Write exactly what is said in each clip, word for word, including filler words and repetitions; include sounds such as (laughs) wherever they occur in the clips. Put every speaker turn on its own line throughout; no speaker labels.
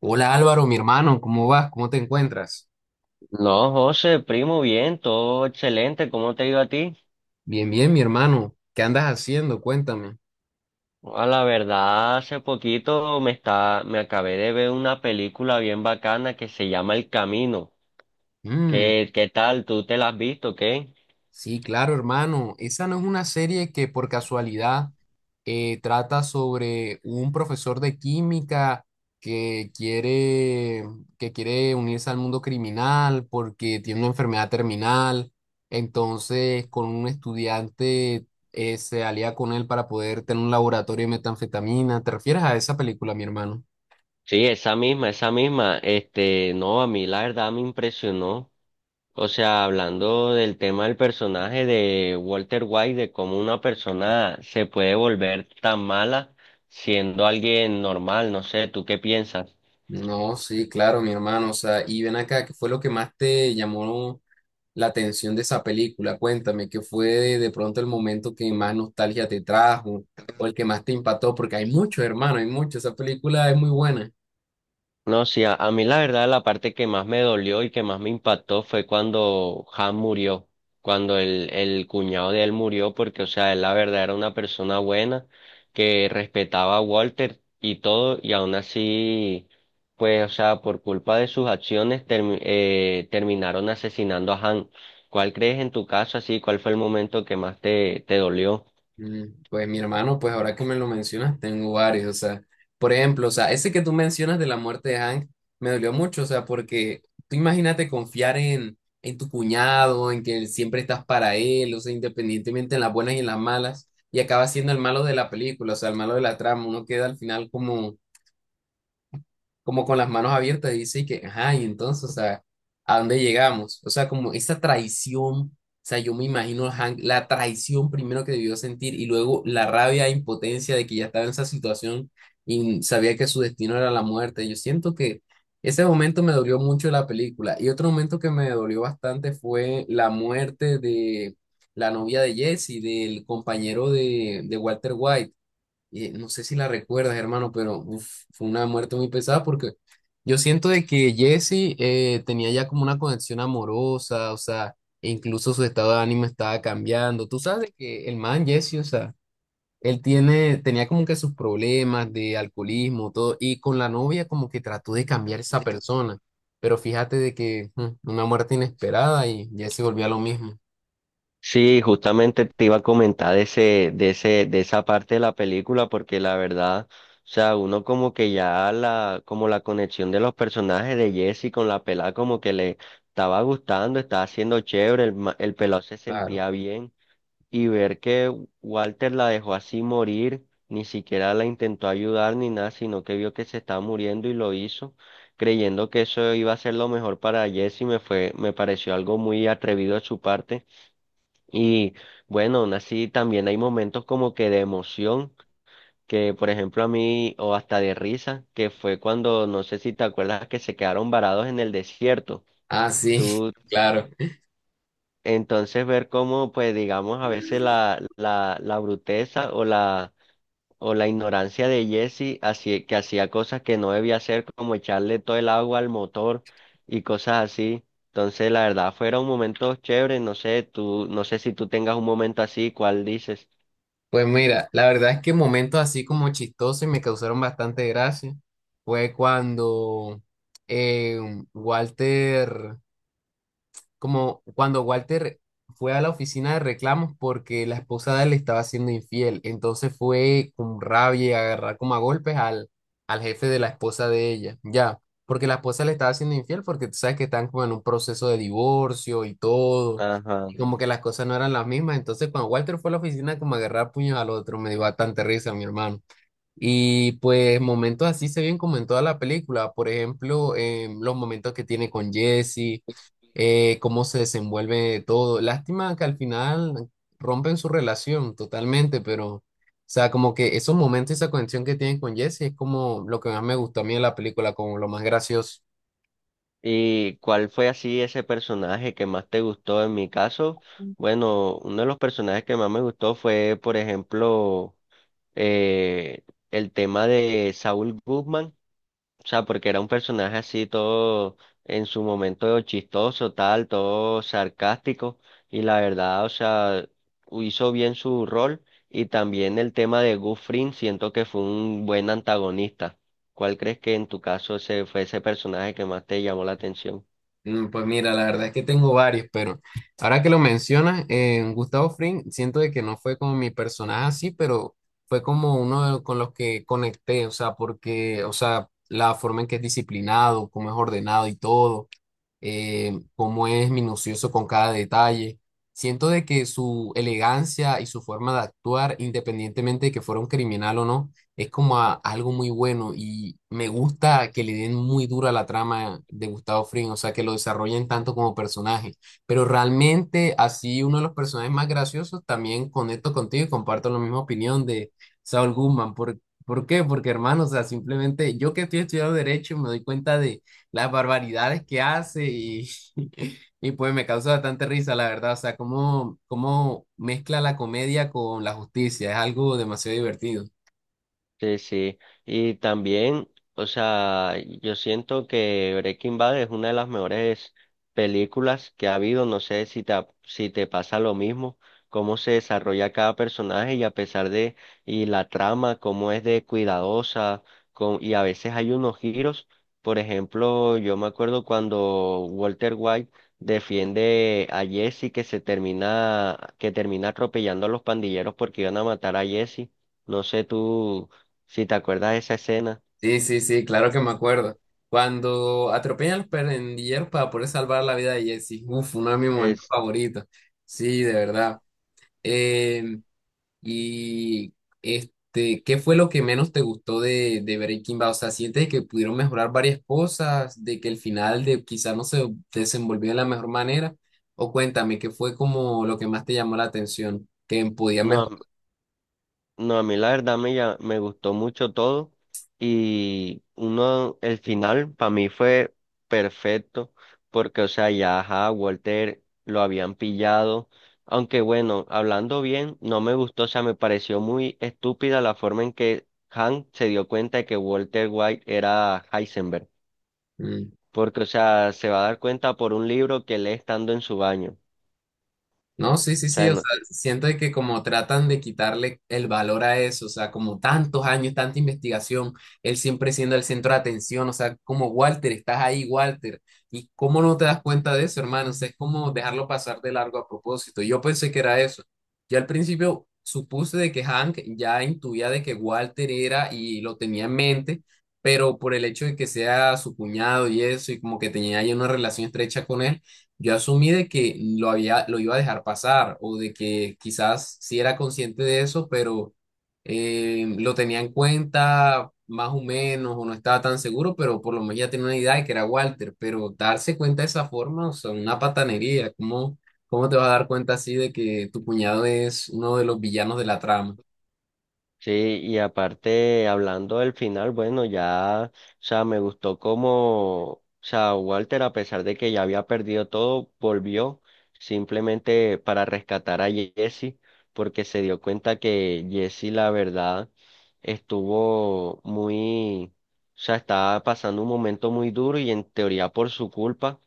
Hola Álvaro, mi hermano, ¿cómo vas? ¿Cómo te encuentras?
No, José, primo, bien, todo excelente. ¿Cómo te ha ido a ti?
Bien, bien, mi hermano. ¿Qué andas haciendo? Cuéntame.
A la verdad, hace poquito me está, me acabé de ver una película bien bacana que se llama El Camino.
Mm,
¿Qué, qué tal? ¿Tú te la has visto, qué?
sí, claro, hermano. Esa no es una serie que por casualidad eh, trata sobre un profesor de química que quiere, que quiere unirse al mundo criminal porque tiene una enfermedad terminal. Entonces, con un estudiante eh, se alía con él para poder tener un laboratorio de metanfetamina. ¿Te refieres a esa película, mi hermano?
Sí, esa misma, esa misma. Este, no, a mí la verdad me impresionó. O sea, hablando del tema del personaje de Walter White, de cómo una persona se puede volver tan mala siendo alguien normal, no sé, ¿tú qué piensas?
No, sí, claro, mi hermano. O sea, y ven acá, ¿qué fue lo que más te llamó la atención de esa película? Cuéntame, ¿qué fue de, de pronto el momento que más nostalgia te trajo o el que más te impactó? Porque hay muchos, hermano, hay muchos. Esa película es muy buena.
No, sí, a, a mí la verdad la parte que más me dolió y que más me impactó fue cuando Han murió, cuando el, el cuñado de él murió, porque, o sea, él la verdad era una persona buena que respetaba a Walter y todo, y aún así, pues, o sea, por culpa de sus acciones termi- eh, terminaron asesinando a Han. ¿Cuál crees en tu caso así? ¿Cuál fue el momento que más te, te dolió?
Mm, pues mi hermano, pues ahora que me lo mencionas, tengo varios, o sea, por ejemplo, o sea, ese que tú mencionas de la muerte de Hank me dolió mucho, o sea, porque tú imagínate confiar en, en tu cuñado, en que siempre estás para él, o sea, independientemente en las buenas y en las malas, y acaba siendo el malo de la película, o sea, el malo de la trama, uno queda al final como como con las manos abiertas, dice que, ajá, y entonces, o sea, ¿a dónde llegamos? O sea, como esa traición, o sea, yo me imagino a Hank, la traición primero que debió sentir y luego la rabia e impotencia de que ya estaba en esa situación y sabía que su destino era la muerte. Yo siento que ese momento me dolió mucho la película y otro momento que me dolió bastante fue la muerte de la novia de Jesse, del compañero de, de Walter White, eh, no sé si la recuerdas, hermano, pero uf, fue una muerte muy pesada porque yo siento de que Jesse eh, tenía ya como una conexión amorosa, o sea, e incluso su estado de ánimo estaba cambiando. Tú sabes de que el man Jesse, o sea, él tiene, tenía como que sus problemas de alcoholismo, todo, y con la novia como que trató de cambiar esa persona. Pero fíjate de que mm, una muerte inesperada y Jesse volvió a lo mismo.
Sí, justamente te iba a comentar de ese, de ese, de esa parte de la película, porque la verdad, o sea, uno como que ya la, como la conexión de los personajes de Jesse con la pelada como que le estaba gustando, estaba haciendo chévere, el, ma- el pelado se
Claro.
sentía bien, y ver que Walter la dejó así morir, ni siquiera la intentó ayudar ni nada, sino que vio que se estaba muriendo y lo hizo, creyendo que eso iba a ser lo mejor para Jesse, me fue, me pareció algo muy atrevido de su parte y bueno, aún así también hay momentos como que de emoción, que por ejemplo a mí, o hasta de risa, que fue cuando, no sé si te acuerdas que se quedaron varados en el desierto.
Ah, sí, (laughs)
Tú,
claro.
entonces ver cómo, pues digamos, a veces la, la, la bruteza o la, o la ignorancia de Jesse, así, que hacía cosas que no debía hacer, como echarle todo el agua al motor y cosas así. Entonces, la verdad, fueron momentos chéveres, no sé, tú, no sé si tú tengas un momento así, ¿cuál dices?
Pues mira, la verdad es que momentos así como chistosos y me causaron bastante gracia fue cuando eh, Walter como cuando Walter fue a la oficina de reclamos porque la esposa de él le estaba siendo infiel. Entonces fue con rabia y agarrar como a golpes al, al jefe de la esposa de ella, ya. Porque la esposa le estaba siendo infiel porque tú sabes que están como en un proceso de divorcio y todo.
Ajá.
Y como que las cosas no eran las mismas. Entonces cuando Walter fue a la oficina como a agarrar puños al otro, me dio bastante risa, mi hermano. Y pues momentos así se ven como en toda la película, por ejemplo, em, los momentos que tiene con Jesse, eh, cómo se desenvuelve todo. Lástima que al final rompen su relación totalmente, pero, o sea, como que esos momentos y esa conexión que tienen con Jesse es como lo que más me gustó a mí de la película, como lo más gracioso.
¿Y cuál fue así ese personaje que más te gustó? En mi caso, bueno, uno de los personajes que más me gustó fue, por ejemplo, eh, el tema de Saúl Guzmán. O sea, porque era un personaje así todo en su momento chistoso, tal, todo sarcástico. Y la verdad, o sea, hizo bien su rol. Y también el tema de Gus Fring, siento que fue un buen antagonista. ¿Cuál crees que en tu caso ese fue ese personaje que más te llamó la atención?
Mm, pues mira, la verdad es que tengo varios, pero ahora que lo mencionas, eh, Gustavo Fring, siento de que no fue como mi personaje así, pero fue como uno de los- con los que conecté, o sea, porque, o sea, la forma en que es disciplinado, cómo es ordenado y todo, eh, cómo es minucioso con cada detalle. Siento de que su elegancia y su forma de actuar, independientemente de que fuera un criminal o no, es como a- algo muy bueno y me gusta que le den muy dura la trama de Gustavo Fring, o sea, que lo desarrollen tanto como personaje. Pero realmente, así uno de los personajes más graciosos, también conecto contigo y comparto la misma opinión de Saul Goodman. ¿Por, por qué? Porque, hermano, o sea, simplemente yo que estoy estudiando Derecho me doy cuenta de las barbaridades que hace y, (laughs) y pues me causa bastante risa, la verdad. O sea, cómo, cómo mezcla la comedia con la justicia, es algo demasiado divertido.
Sí, sí. Y también, o sea, yo siento que Breaking Bad es una de las mejores películas que ha habido. No sé si te, ha- si te pasa lo mismo, cómo se desarrolla cada personaje y a pesar de, y la trama, cómo es de cuidadosa, con, y a veces hay unos giros. Por ejemplo, yo me acuerdo cuando Walter White defiende a Jesse que se termina, que termina atropellando a los pandilleros porque iban a matar a Jesse. No sé tú. Si te acuerdas de esa escena,
Sí, sí, sí, claro que me acuerdo. Cuando atropellan a los pandilleros para poder salvar la vida de Jesse, uf, uno de mis momentos
es,
favoritos. Sí, de verdad. Em, Y este, ¿qué fue lo que menos te gustó de, de Breaking Bad? O sea, ¿sientes que pudieron mejorar varias cosas, de que el final de quizás no se desenvolvió de la mejor manera? O cuéntame, ¿qué fue como lo que más te llamó la atención, que podía
no,
mejorar?
a- no, a mí la verdad me, llam- me gustó mucho todo y uno, el final para mí fue perfecto porque, o sea, ya, ajá, Walter lo habían pillado, aunque bueno, hablando bien, no me gustó, o sea, me pareció muy estúpida la forma en que Hank se dio cuenta de que Walter White era Heisenberg, porque, o sea, se va a dar cuenta por un libro que lee estando en su baño.
No, sí, sí,
O
sí,
sea,
o
no.
sea, siento de que como tratan de quitarle el valor a eso, o sea, como tantos años, tanta investigación, él siempre siendo el centro de atención, o sea, como Walter, estás ahí, Walter, y cómo no te das cuenta de eso, hermano, o sea, es como dejarlo pasar de largo a propósito. Yo pensé que era eso. Yo al principio supuse de que Hank ya intuía de que Walter era y lo tenía en mente, pero por el hecho de que sea su cuñado y eso, y como que tenía ya una relación estrecha con él. Yo asumí de que lo había, lo iba a dejar pasar o de que quizás sí era consciente de eso, pero eh, lo tenía en cuenta más o menos o no estaba tan seguro, pero por lo menos ya tenía una idea de que era Walter. Pero darse cuenta de esa forma, o sea, una patanería, ¿cómo, cómo te vas a dar cuenta así de que tu cuñado es uno de los villanos de la trama?
Sí, y aparte, hablando del final, bueno, ya, o sea, me gustó como, o sea, Walter, a pesar de que ya había perdido todo, volvió simplemente para rescatar a Jesse, porque se dio cuenta que Jesse, la verdad, estuvo muy, o sea, estaba pasando un momento muy duro y en teoría por su culpa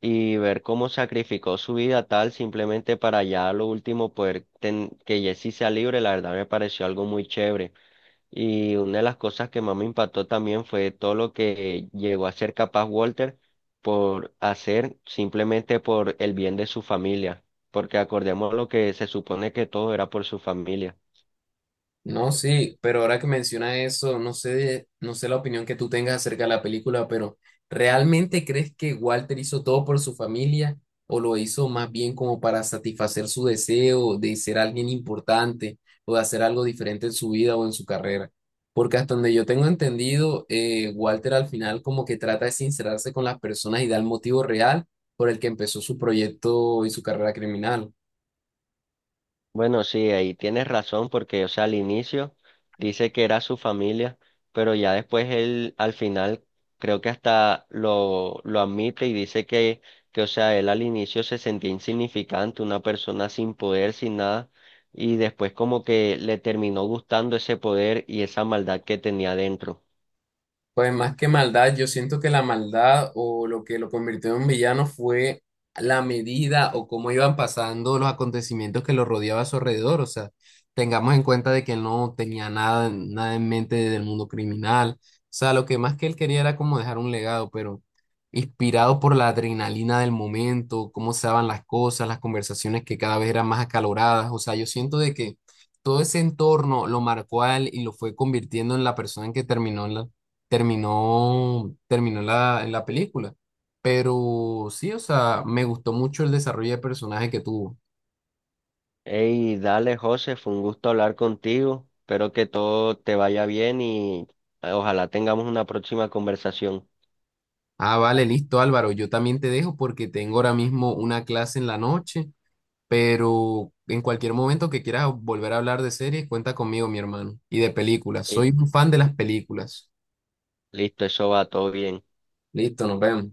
y ver cómo sacrificó su vida tal simplemente para ya a lo último poder ten- que Jesse sea libre, la verdad me pareció algo muy chévere. Y una de las cosas que más me impactó también fue todo lo que llegó a ser capaz Walter por hacer simplemente por el bien de su familia, porque acordemos lo que se supone que todo era por su familia.
No, sí, pero ahora que menciona eso, no sé, no sé la opinión que tú tengas acerca de la película, pero ¿realmente crees que Walter hizo todo por su familia o lo hizo más bien como para satisfacer su deseo de ser alguien importante o de hacer algo diferente en su vida o en su carrera? Porque hasta donde yo tengo entendido, eh, Walter al final como que trata de sincerarse con las personas y da el motivo real por el que empezó su proyecto y su carrera criminal.
Bueno, sí, ahí tienes razón porque, o sea, al inicio dice que era su familia, pero ya después él al final creo que hasta lo, lo admite y dice que, que, o sea, él al inicio se sentía insignificante, una persona sin poder, sin nada, y después como que le terminó gustando ese poder y esa maldad que tenía dentro.
Pues más que maldad, yo siento que la maldad o lo que lo convirtió en villano fue la medida o cómo iban pasando los acontecimientos que lo rodeaba a su alrededor. O sea, tengamos en cuenta de que no tenía nada, nada en mente del mundo criminal. O sea, lo que más que él quería era como dejar un legado, pero inspirado por la adrenalina del momento, cómo se daban las cosas, las conversaciones que cada vez eran más acaloradas. O sea, yo siento de que todo ese entorno lo marcó a él y lo fue convirtiendo en la persona en que terminó en la terminó, terminó en la, en la película. Pero sí, o sea, me gustó mucho el desarrollo de personaje que tuvo.
Hey, dale, José, fue un gusto hablar contigo, espero que todo te vaya bien y eh, ojalá tengamos una próxima conversación.
Ah, vale, listo, Álvaro. Yo también te dejo porque tengo ahora mismo una clase en la noche, pero en cualquier momento que quieras volver a hablar de series, cuenta conmigo, mi hermano, y de películas. Soy un fan de las películas.
Listo, eso va todo bien.
Listo, nos vemos.